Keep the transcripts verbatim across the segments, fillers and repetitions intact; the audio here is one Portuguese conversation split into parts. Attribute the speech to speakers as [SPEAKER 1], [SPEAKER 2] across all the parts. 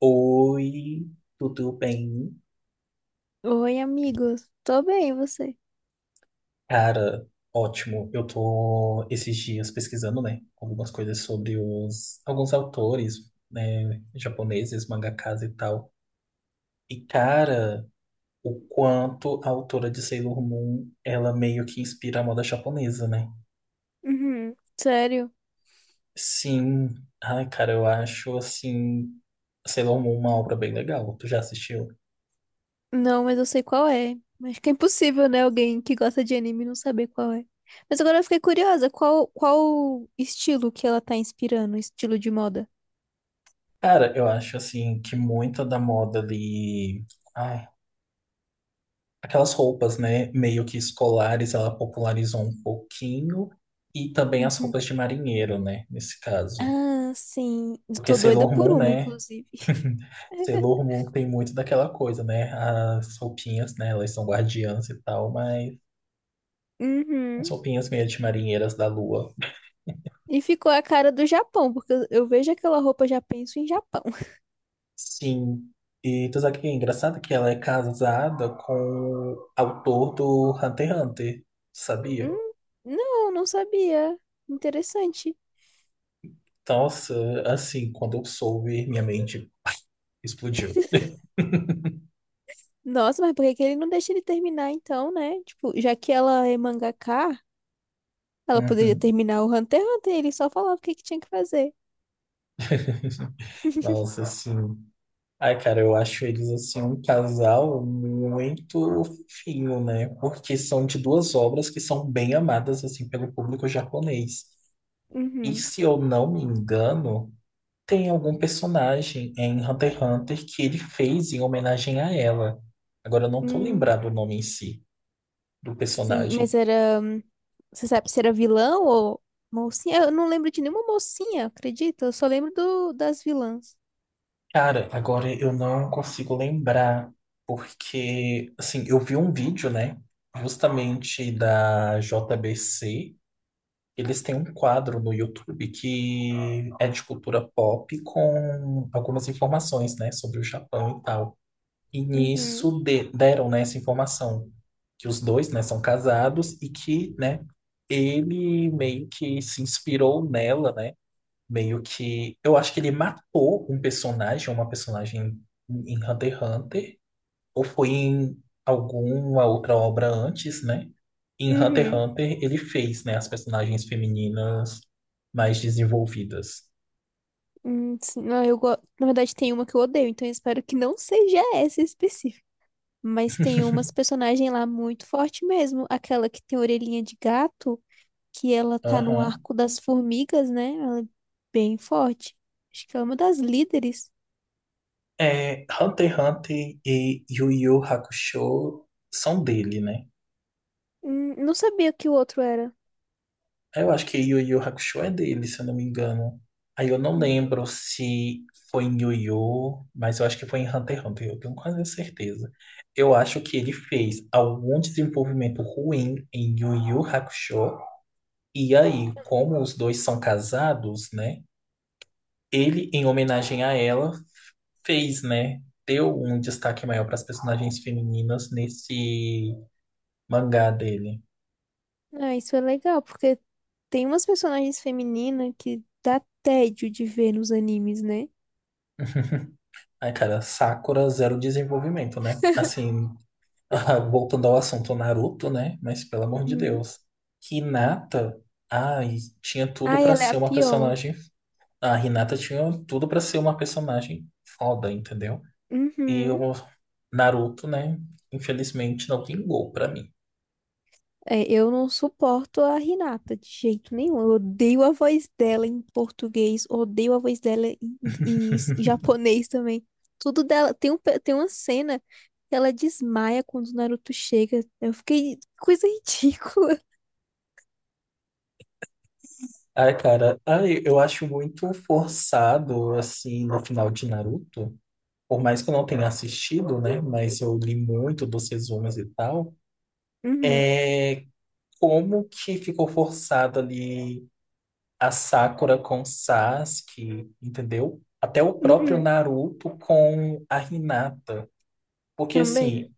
[SPEAKER 1] Oi, tudo bem?
[SPEAKER 2] Oi, amigos. Tô bem, e você?
[SPEAKER 1] Cara, ótimo. Eu tô esses dias pesquisando, né, algumas coisas sobre os alguns autores, né, japoneses, mangakas e tal. E cara, o quanto a autora de Sailor Moon, ela meio que inspira a moda japonesa, né?
[SPEAKER 2] Uhum. Sério?
[SPEAKER 1] Sim. Ai, cara, eu acho assim Sailor Moon uma obra bem legal. Tu já assistiu?
[SPEAKER 2] Não, mas eu sei qual é. Acho que é impossível, né? Alguém que gosta de anime não saber qual é. Mas agora eu fiquei curiosa, qual, qual estilo que ela tá inspirando? Estilo de moda?
[SPEAKER 1] Cara, eu acho assim que muita da moda ali. Ai, aquelas roupas, né, meio que escolares, ela popularizou um pouquinho, e também as
[SPEAKER 2] Uhum.
[SPEAKER 1] roupas de marinheiro, né, nesse caso.
[SPEAKER 2] Ah, sim. Eu
[SPEAKER 1] Porque
[SPEAKER 2] tô doida
[SPEAKER 1] Sailor
[SPEAKER 2] por
[SPEAKER 1] Moon,
[SPEAKER 2] uma,
[SPEAKER 1] né,
[SPEAKER 2] inclusive.
[SPEAKER 1] Sailor Moon tem muito daquela coisa, né, as roupinhas, né, elas são guardiãs e tal, mas as
[SPEAKER 2] Uhum.
[SPEAKER 1] roupinhas meio de marinheiras da lua.
[SPEAKER 2] E ficou a cara do Japão, porque eu eu vejo aquela roupa, já penso em Japão.
[SPEAKER 1] Sim, e tu sabe que é engraçado que ela é casada com o autor do Hunter x Hunter, sabia?
[SPEAKER 2] Hum, não, não sabia. Interessante.
[SPEAKER 1] Nossa, assim, quando eu soube, minha mente explodiu.
[SPEAKER 2] Nossa, mas por que que ele não deixa ele terminar então, né? Tipo, já que ela é mangaka, ela poderia
[SPEAKER 1] Uhum.
[SPEAKER 2] terminar o Hunter x Hunter, ele só falava o que que tinha que fazer.
[SPEAKER 1] Nossa, assim. Ai, cara, eu acho eles assim um casal muito fofinho, né? Porque são de duas obras que são bem amadas assim pelo público japonês. E
[SPEAKER 2] Uhum.
[SPEAKER 1] se eu não me engano, tem algum personagem em Hunter x Hunter que ele fez em homenagem a ela. Agora eu não tô
[SPEAKER 2] Hum,
[SPEAKER 1] lembrado o nome em si do
[SPEAKER 2] sim, mas
[SPEAKER 1] personagem.
[SPEAKER 2] era. hum, Você sabe se era vilão ou mocinha? Eu não lembro de nenhuma mocinha, acredita? Eu só lembro do, das vilãs.
[SPEAKER 1] Cara, agora eu não consigo lembrar, porque, assim, eu vi um vídeo, né, justamente da J B C. Eles têm um quadro no YouTube que é de cultura pop com algumas informações, né, sobre o Japão e tal. E
[SPEAKER 2] Uhum.
[SPEAKER 1] nisso de- deram, né, essa informação que os dois, né, são casados e que, né, ele meio que se inspirou nela, né, meio que. Eu acho que ele matou um personagem, uma personagem em Hunter x Hunter, ou foi em alguma outra obra antes, né? Em Hunter x
[SPEAKER 2] Uhum.
[SPEAKER 1] Hunter ele fez, né, as personagens femininas mais desenvolvidas.
[SPEAKER 2] Hum, sim, não, eu go... na verdade, tem uma que eu odeio, então eu espero que não seja essa específica. Mas tem umas personagens lá muito forte mesmo. Aquela que tem orelhinha de gato, que ela tá no
[SPEAKER 1] Aham.
[SPEAKER 2] arco das formigas, né? Ela é bem forte. Acho que ela é uma das líderes.
[SPEAKER 1] É, Hunter x Hunter e Yu Yu Hakusho são dele, né?
[SPEAKER 2] Hum, Não sabia que o outro era.
[SPEAKER 1] Eu acho que Yu Yu Hakusho é dele, se eu não me engano. Aí eu não
[SPEAKER 2] Uhum.
[SPEAKER 1] lembro se foi em Yu Yu, mas eu acho que foi em Hunter x Hunter, eu tenho quase certeza. Eu acho que ele fez algum desenvolvimento ruim em Yu Yu Hakusho, e aí, como os dois são casados, né? Ele, em homenagem a ela, fez, né? Deu um destaque maior para as personagens femininas nesse mangá dele.
[SPEAKER 2] Ah, isso é legal, porque tem umas personagens femininas que dá tédio de ver nos animes, né?
[SPEAKER 1] Ai, cara, Sakura zero desenvolvimento, né? Assim, voltando ao assunto Naruto, né? Mas pelo amor de
[SPEAKER 2] Uhum.
[SPEAKER 1] Deus. Hinata, ai, tinha tudo
[SPEAKER 2] Ah,
[SPEAKER 1] pra
[SPEAKER 2] ela é a
[SPEAKER 1] ser uma
[SPEAKER 2] pior.
[SPEAKER 1] personagem. A Hinata tinha tudo pra ser uma personagem foda, entendeu? E
[SPEAKER 2] Uhum.
[SPEAKER 1] o Naruto, né? Infelizmente não vingou pra mim.
[SPEAKER 2] É, eu não suporto a Renata de jeito nenhum. Eu odeio a voz dela em português, odeio a voz dela em, em- em japonês também. Tudo dela. Tem um, pe- tem uma cena que ela desmaia quando o Naruto chega. Eu fiquei. Coisa ridícula.
[SPEAKER 1] Ai, cara, ai, eu acho muito forçado, assim, no final de Naruto. Por mais que eu não tenha assistido, né? Mas eu li muito dos resumos e tal.
[SPEAKER 2] Uhum,
[SPEAKER 1] É como que ficou forçado ali a Sakura com o Sasuke, entendeu? Até o próprio
[SPEAKER 2] uhum.
[SPEAKER 1] Naruto com a Hinata. Porque,
[SPEAKER 2] Também.
[SPEAKER 1] assim,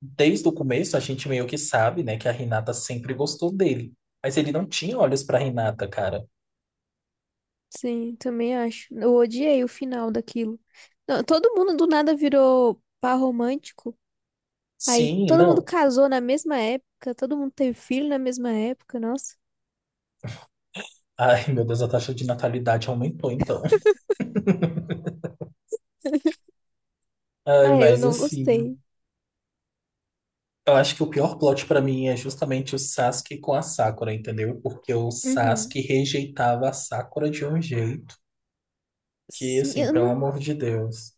[SPEAKER 1] desde o começo a gente meio que sabe, né, que a Hinata sempre gostou dele. Mas ele não tinha olhos pra Hinata, cara.
[SPEAKER 2] Sim, também acho. Eu odiei o final daquilo. Não, todo mundo do nada virou par romântico. Aí
[SPEAKER 1] Sim,
[SPEAKER 2] todo mundo
[SPEAKER 1] não.
[SPEAKER 2] casou na mesma época, todo mundo teve filho na mesma época. Nossa.
[SPEAKER 1] Ai, meu Deus, a taxa de natalidade aumentou, então. Ai,
[SPEAKER 2] Ah, eu
[SPEAKER 1] mas
[SPEAKER 2] não
[SPEAKER 1] assim,
[SPEAKER 2] gostei.
[SPEAKER 1] eu acho que o pior plot pra mim é justamente o Sasuke com a Sakura, entendeu? Porque o
[SPEAKER 2] Uhum.
[SPEAKER 1] Sasuke rejeitava a Sakura de um jeito que,
[SPEAKER 2] Sim,
[SPEAKER 1] assim,
[SPEAKER 2] eu
[SPEAKER 1] pelo
[SPEAKER 2] não,
[SPEAKER 1] amor de Deus.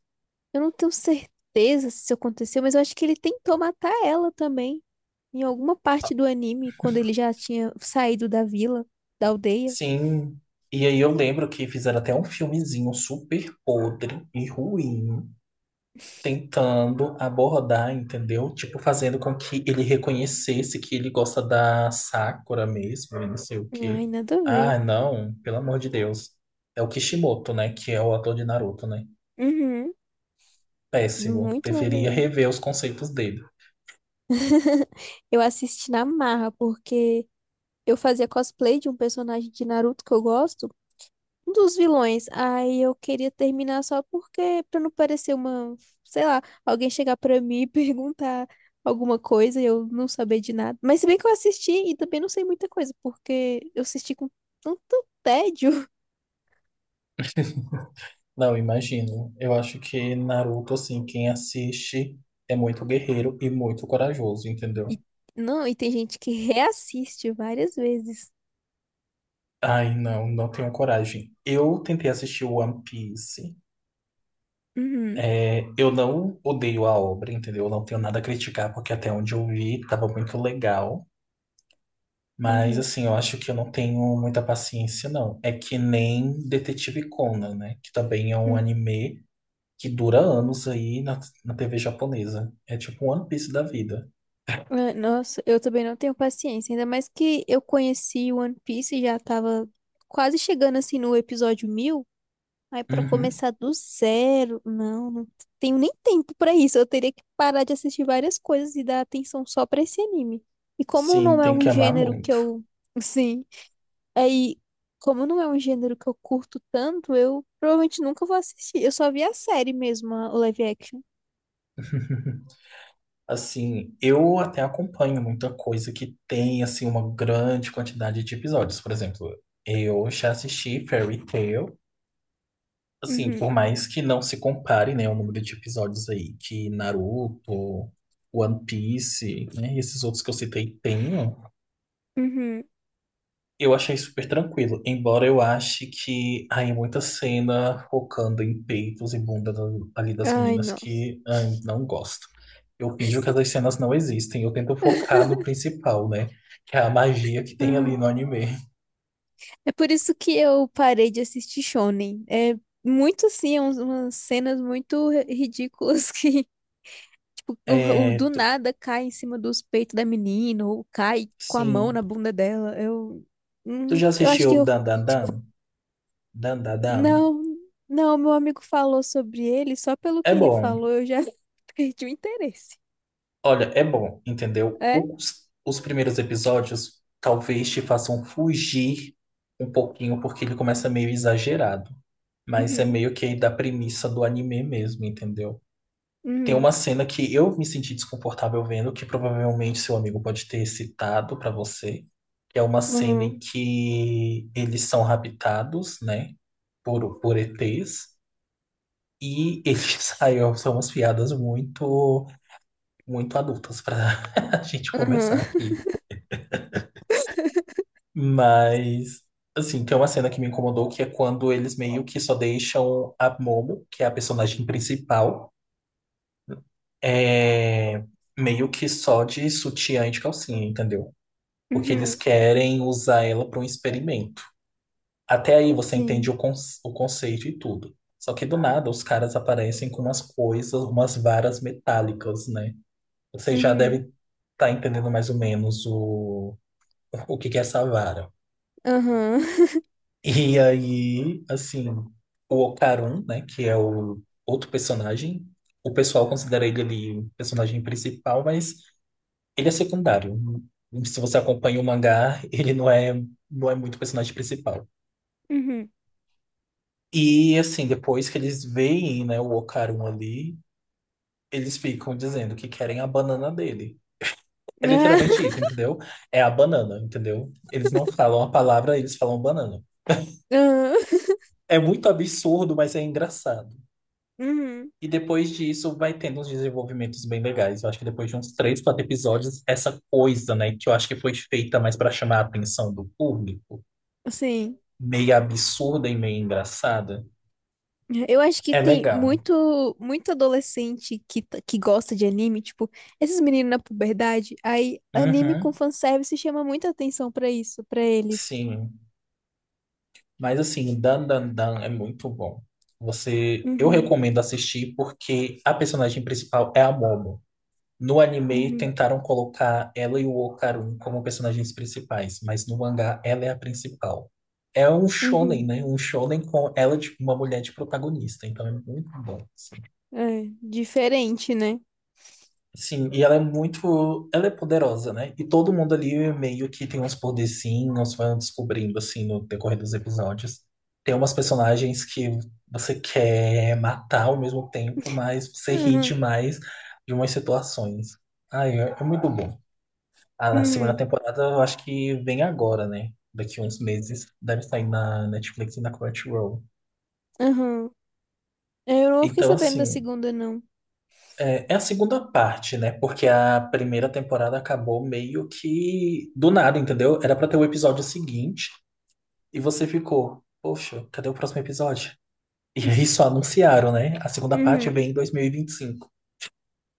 [SPEAKER 2] eu não tenho certeza se isso aconteceu, mas eu acho que ele tentou matar ela também. Em alguma parte do anime, quando ele já tinha saído da vila, da aldeia.
[SPEAKER 1] Sim. E aí eu lembro que fizeram até um filmezinho super podre e ruim, tentando abordar, entendeu? Tipo, fazendo com que ele reconhecesse que ele gosta da Sakura mesmo, e não sei o quê.
[SPEAKER 2] Ai, nada a ver.
[SPEAKER 1] Ah, não, pelo amor de Deus. É o Kishimoto, né? Que é o ator de Naruto, né?
[SPEAKER 2] Uhum.
[SPEAKER 1] Péssimo.
[SPEAKER 2] Muito nada a
[SPEAKER 1] Deveria
[SPEAKER 2] ver.
[SPEAKER 1] rever os conceitos dele.
[SPEAKER 2] Eu assisti na marra, porque eu fazia cosplay de um personagem de Naruto que eu gosto, um dos vilões. Aí eu queria terminar só porque, pra não parecer uma, sei lá, alguém chegar pra mim e perguntar alguma coisa e eu não saber de nada. Mas se bem que eu assisti e também não sei muita coisa, porque eu assisti com tanto tédio.
[SPEAKER 1] Não, imagino. Eu acho que Naruto, assim, quem assiste é muito guerreiro e muito corajoso,
[SPEAKER 2] E,
[SPEAKER 1] entendeu?
[SPEAKER 2] não, e tem gente que reassiste várias vezes.
[SPEAKER 1] Ai, não, não tenho coragem. Eu tentei assistir One Piece.
[SPEAKER 2] Uhum,
[SPEAKER 1] É, eu não odeio a obra, entendeu? Eu não tenho nada a criticar, porque até onde eu vi tava muito legal. Mas,
[SPEAKER 2] uhum,
[SPEAKER 1] assim, eu acho que eu não tenho muita paciência, não. É que nem Detetive Conan, né? Que também é um
[SPEAKER 2] uhum.
[SPEAKER 1] anime que dura anos aí na, na T V japonesa. É tipo um One Piece da vida.
[SPEAKER 2] Ah, nossa, eu também não tenho paciência, ainda mais que eu conheci One Piece e já tava quase chegando assim no episódio mil. Aí pra
[SPEAKER 1] Uhum.
[SPEAKER 2] começar do zero, não, não tenho nem tempo pra isso. Eu teria que parar de assistir várias coisas e dar atenção só pra esse anime. E como
[SPEAKER 1] Sim,
[SPEAKER 2] não é
[SPEAKER 1] tem que
[SPEAKER 2] um
[SPEAKER 1] amar
[SPEAKER 2] gênero que
[SPEAKER 1] muito.
[SPEAKER 2] eu, sim, aí como não é um gênero que eu curto tanto, eu provavelmente nunca vou assistir. Eu só vi a série mesmo, a- o live action.
[SPEAKER 1] Assim, eu até acompanho muita coisa que tem, assim, uma grande quantidade de episódios. Por exemplo, eu já assisti Fairy Tail. Assim,
[SPEAKER 2] Uhum,
[SPEAKER 1] por mais que não se compare, né, o número de episódios aí que Naruto, One Piece, né, e esses outros que eu citei tenham,
[SPEAKER 2] uhum.
[SPEAKER 1] eu achei super tranquilo, embora eu ache que há muita cena focando em peitos e bunda da- ali das
[SPEAKER 2] Ai,
[SPEAKER 1] meninas
[SPEAKER 2] nossa.
[SPEAKER 1] que ai, não gosto. Eu finjo que essas cenas não existem, eu tento focar no principal, né? Que é a magia que tem ali
[SPEAKER 2] Uhum.
[SPEAKER 1] no anime.
[SPEAKER 2] É por isso que eu parei de assistir Shonen. É muito assim, é uns- umas cenas muito ri- ridículas que o, o-
[SPEAKER 1] É,
[SPEAKER 2] do
[SPEAKER 1] tu-
[SPEAKER 2] nada cai em cima dos peitos da menina, ou cai com a mão
[SPEAKER 1] sim.
[SPEAKER 2] na bunda dela. Eu,
[SPEAKER 1] Tu
[SPEAKER 2] hum,
[SPEAKER 1] já
[SPEAKER 2] eu acho
[SPEAKER 1] assistiu
[SPEAKER 2] que eu.
[SPEAKER 1] Dan Dan Dan? Dan Dan Dan?
[SPEAKER 2] Não, não, meu amigo falou sobre ele, só pelo
[SPEAKER 1] É
[SPEAKER 2] que ele
[SPEAKER 1] bom.
[SPEAKER 2] falou eu já perdi o interesse.
[SPEAKER 1] Olha, é bom, entendeu?
[SPEAKER 2] É?
[SPEAKER 1] Os, os primeiros episódios talvez te façam fugir um pouquinho, porque ele começa meio exagerado. Mas é
[SPEAKER 2] Uhum,
[SPEAKER 1] meio que da premissa do anime mesmo, entendeu? Tem
[SPEAKER 2] uhum,
[SPEAKER 1] uma cena que eu me senti desconfortável vendo, que provavelmente seu amigo pode ter citado pra você, que é uma cena
[SPEAKER 2] uhum,
[SPEAKER 1] em que eles são raptados, né, por, por E Tês, e eles aí ó, são umas piadas muito, muito adultas pra a gente
[SPEAKER 2] uhum,
[SPEAKER 1] conversar aqui. Mas assim, tem uma cena que me incomodou, que é quando eles meio que só deixam a Momo, que é a personagem principal, é meio que só de sutiã e de calcinha, entendeu? Porque eles
[SPEAKER 2] uhum,
[SPEAKER 1] querem usar ela para um experimento. Até aí você entende
[SPEAKER 2] sim,
[SPEAKER 1] o, con- o conceito e tudo. Só que do nada os caras aparecem com umas coisas, umas varas metálicas, né? Você já
[SPEAKER 2] uhum,
[SPEAKER 1] deve estar entendendo mais ou menos o, o que que é essa vara.
[SPEAKER 2] uhum,
[SPEAKER 1] E aí, assim, o Okarun, né, que é o outro personagem, o pessoal considera ele ali o personagem principal, mas ele é secundário. Se você acompanha o mangá, ele não é, não é muito personagem principal.
[SPEAKER 2] uhum,
[SPEAKER 1] E assim, depois que eles veem, né, o Okarun ali, eles ficam dizendo que querem a banana dele. É
[SPEAKER 2] ah,
[SPEAKER 1] literalmente isso, entendeu? É a banana, entendeu? Eles não falam a palavra, eles falam banana.
[SPEAKER 2] uhum,
[SPEAKER 1] É muito absurdo, mas é engraçado.
[SPEAKER 2] uhum,
[SPEAKER 1] E depois disso vai tendo uns desenvolvimentos bem legais. Eu acho que depois de uns três, quatro episódios, essa coisa, né, que eu acho que foi feita mais para chamar a atenção do público
[SPEAKER 2] sim.
[SPEAKER 1] meio absurda e meio engraçada.
[SPEAKER 2] Eu acho que
[SPEAKER 1] É
[SPEAKER 2] tem
[SPEAKER 1] legal.
[SPEAKER 2] muito, muito adolescente que, t- que gosta de anime, tipo, esses meninos na puberdade, aí anime com
[SPEAKER 1] Uhum,
[SPEAKER 2] fanservice chama muita atenção pra isso, pra eles.
[SPEAKER 1] sim. Mas assim, Dan Dan Dan é muito bom. Você, eu
[SPEAKER 2] Uhum,
[SPEAKER 1] recomendo assistir porque a personagem principal é a Momo. No anime
[SPEAKER 2] uhum,
[SPEAKER 1] tentaram colocar ela e o Okarun como personagens principais, mas no mangá ela é a principal. É um shonen,
[SPEAKER 2] uhum.
[SPEAKER 1] né? Um shonen com ela de uma mulher de protagonista, então é muito bom. Assim.
[SPEAKER 2] É, diferente, né?
[SPEAKER 1] Sim, e ela é muito, ela é poderosa, né? E todo mundo ali meio que tem uns poderzinhos, vai descobrindo assim no decorrer dos episódios. Tem umas personagens que você quer matar ao mesmo tempo, mas você ri
[SPEAKER 2] Uhum,
[SPEAKER 1] demais de umas situações. Ai, é, é muito bom. A segunda
[SPEAKER 2] uhum,
[SPEAKER 1] temporada eu acho que vem agora, né? Daqui uns meses. Deve sair na Netflix e na Crunchyroll.
[SPEAKER 2] uhum. Eu não fiquei
[SPEAKER 1] Então,
[SPEAKER 2] sabendo da
[SPEAKER 1] assim,
[SPEAKER 2] segunda, não.
[SPEAKER 1] É, é a segunda parte, né? Porque a primeira temporada acabou meio que do nada, entendeu? Era pra ter o episódio seguinte e você ficou, poxa, cadê o próximo episódio? E aí só anunciaram, né? A segunda parte
[SPEAKER 2] Uhum.
[SPEAKER 1] vem em dois mil e vinte e cinco.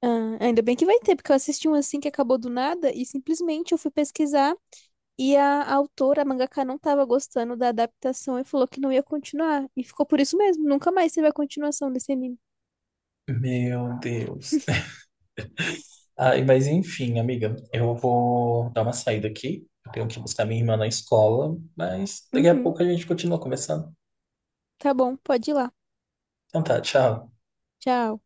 [SPEAKER 2] Ah, ainda bem que vai ter, porque eu assisti um assim que acabou do nada e simplesmente eu fui pesquisar. E a autora, a mangaka, não estava gostando da adaptação e falou que não ia continuar. E ficou por isso mesmo. Nunca mais teve a continuação desse anime.
[SPEAKER 1] Meu Deus. Ai, mas enfim, amiga, eu vou dar uma saída aqui. Eu tenho que buscar minha irmã na escola, mas daqui a
[SPEAKER 2] Uhum.
[SPEAKER 1] pouco a gente continua conversando.
[SPEAKER 2] Tá bom, pode ir lá.
[SPEAKER 1] Então tá, tchau.
[SPEAKER 2] Tchau.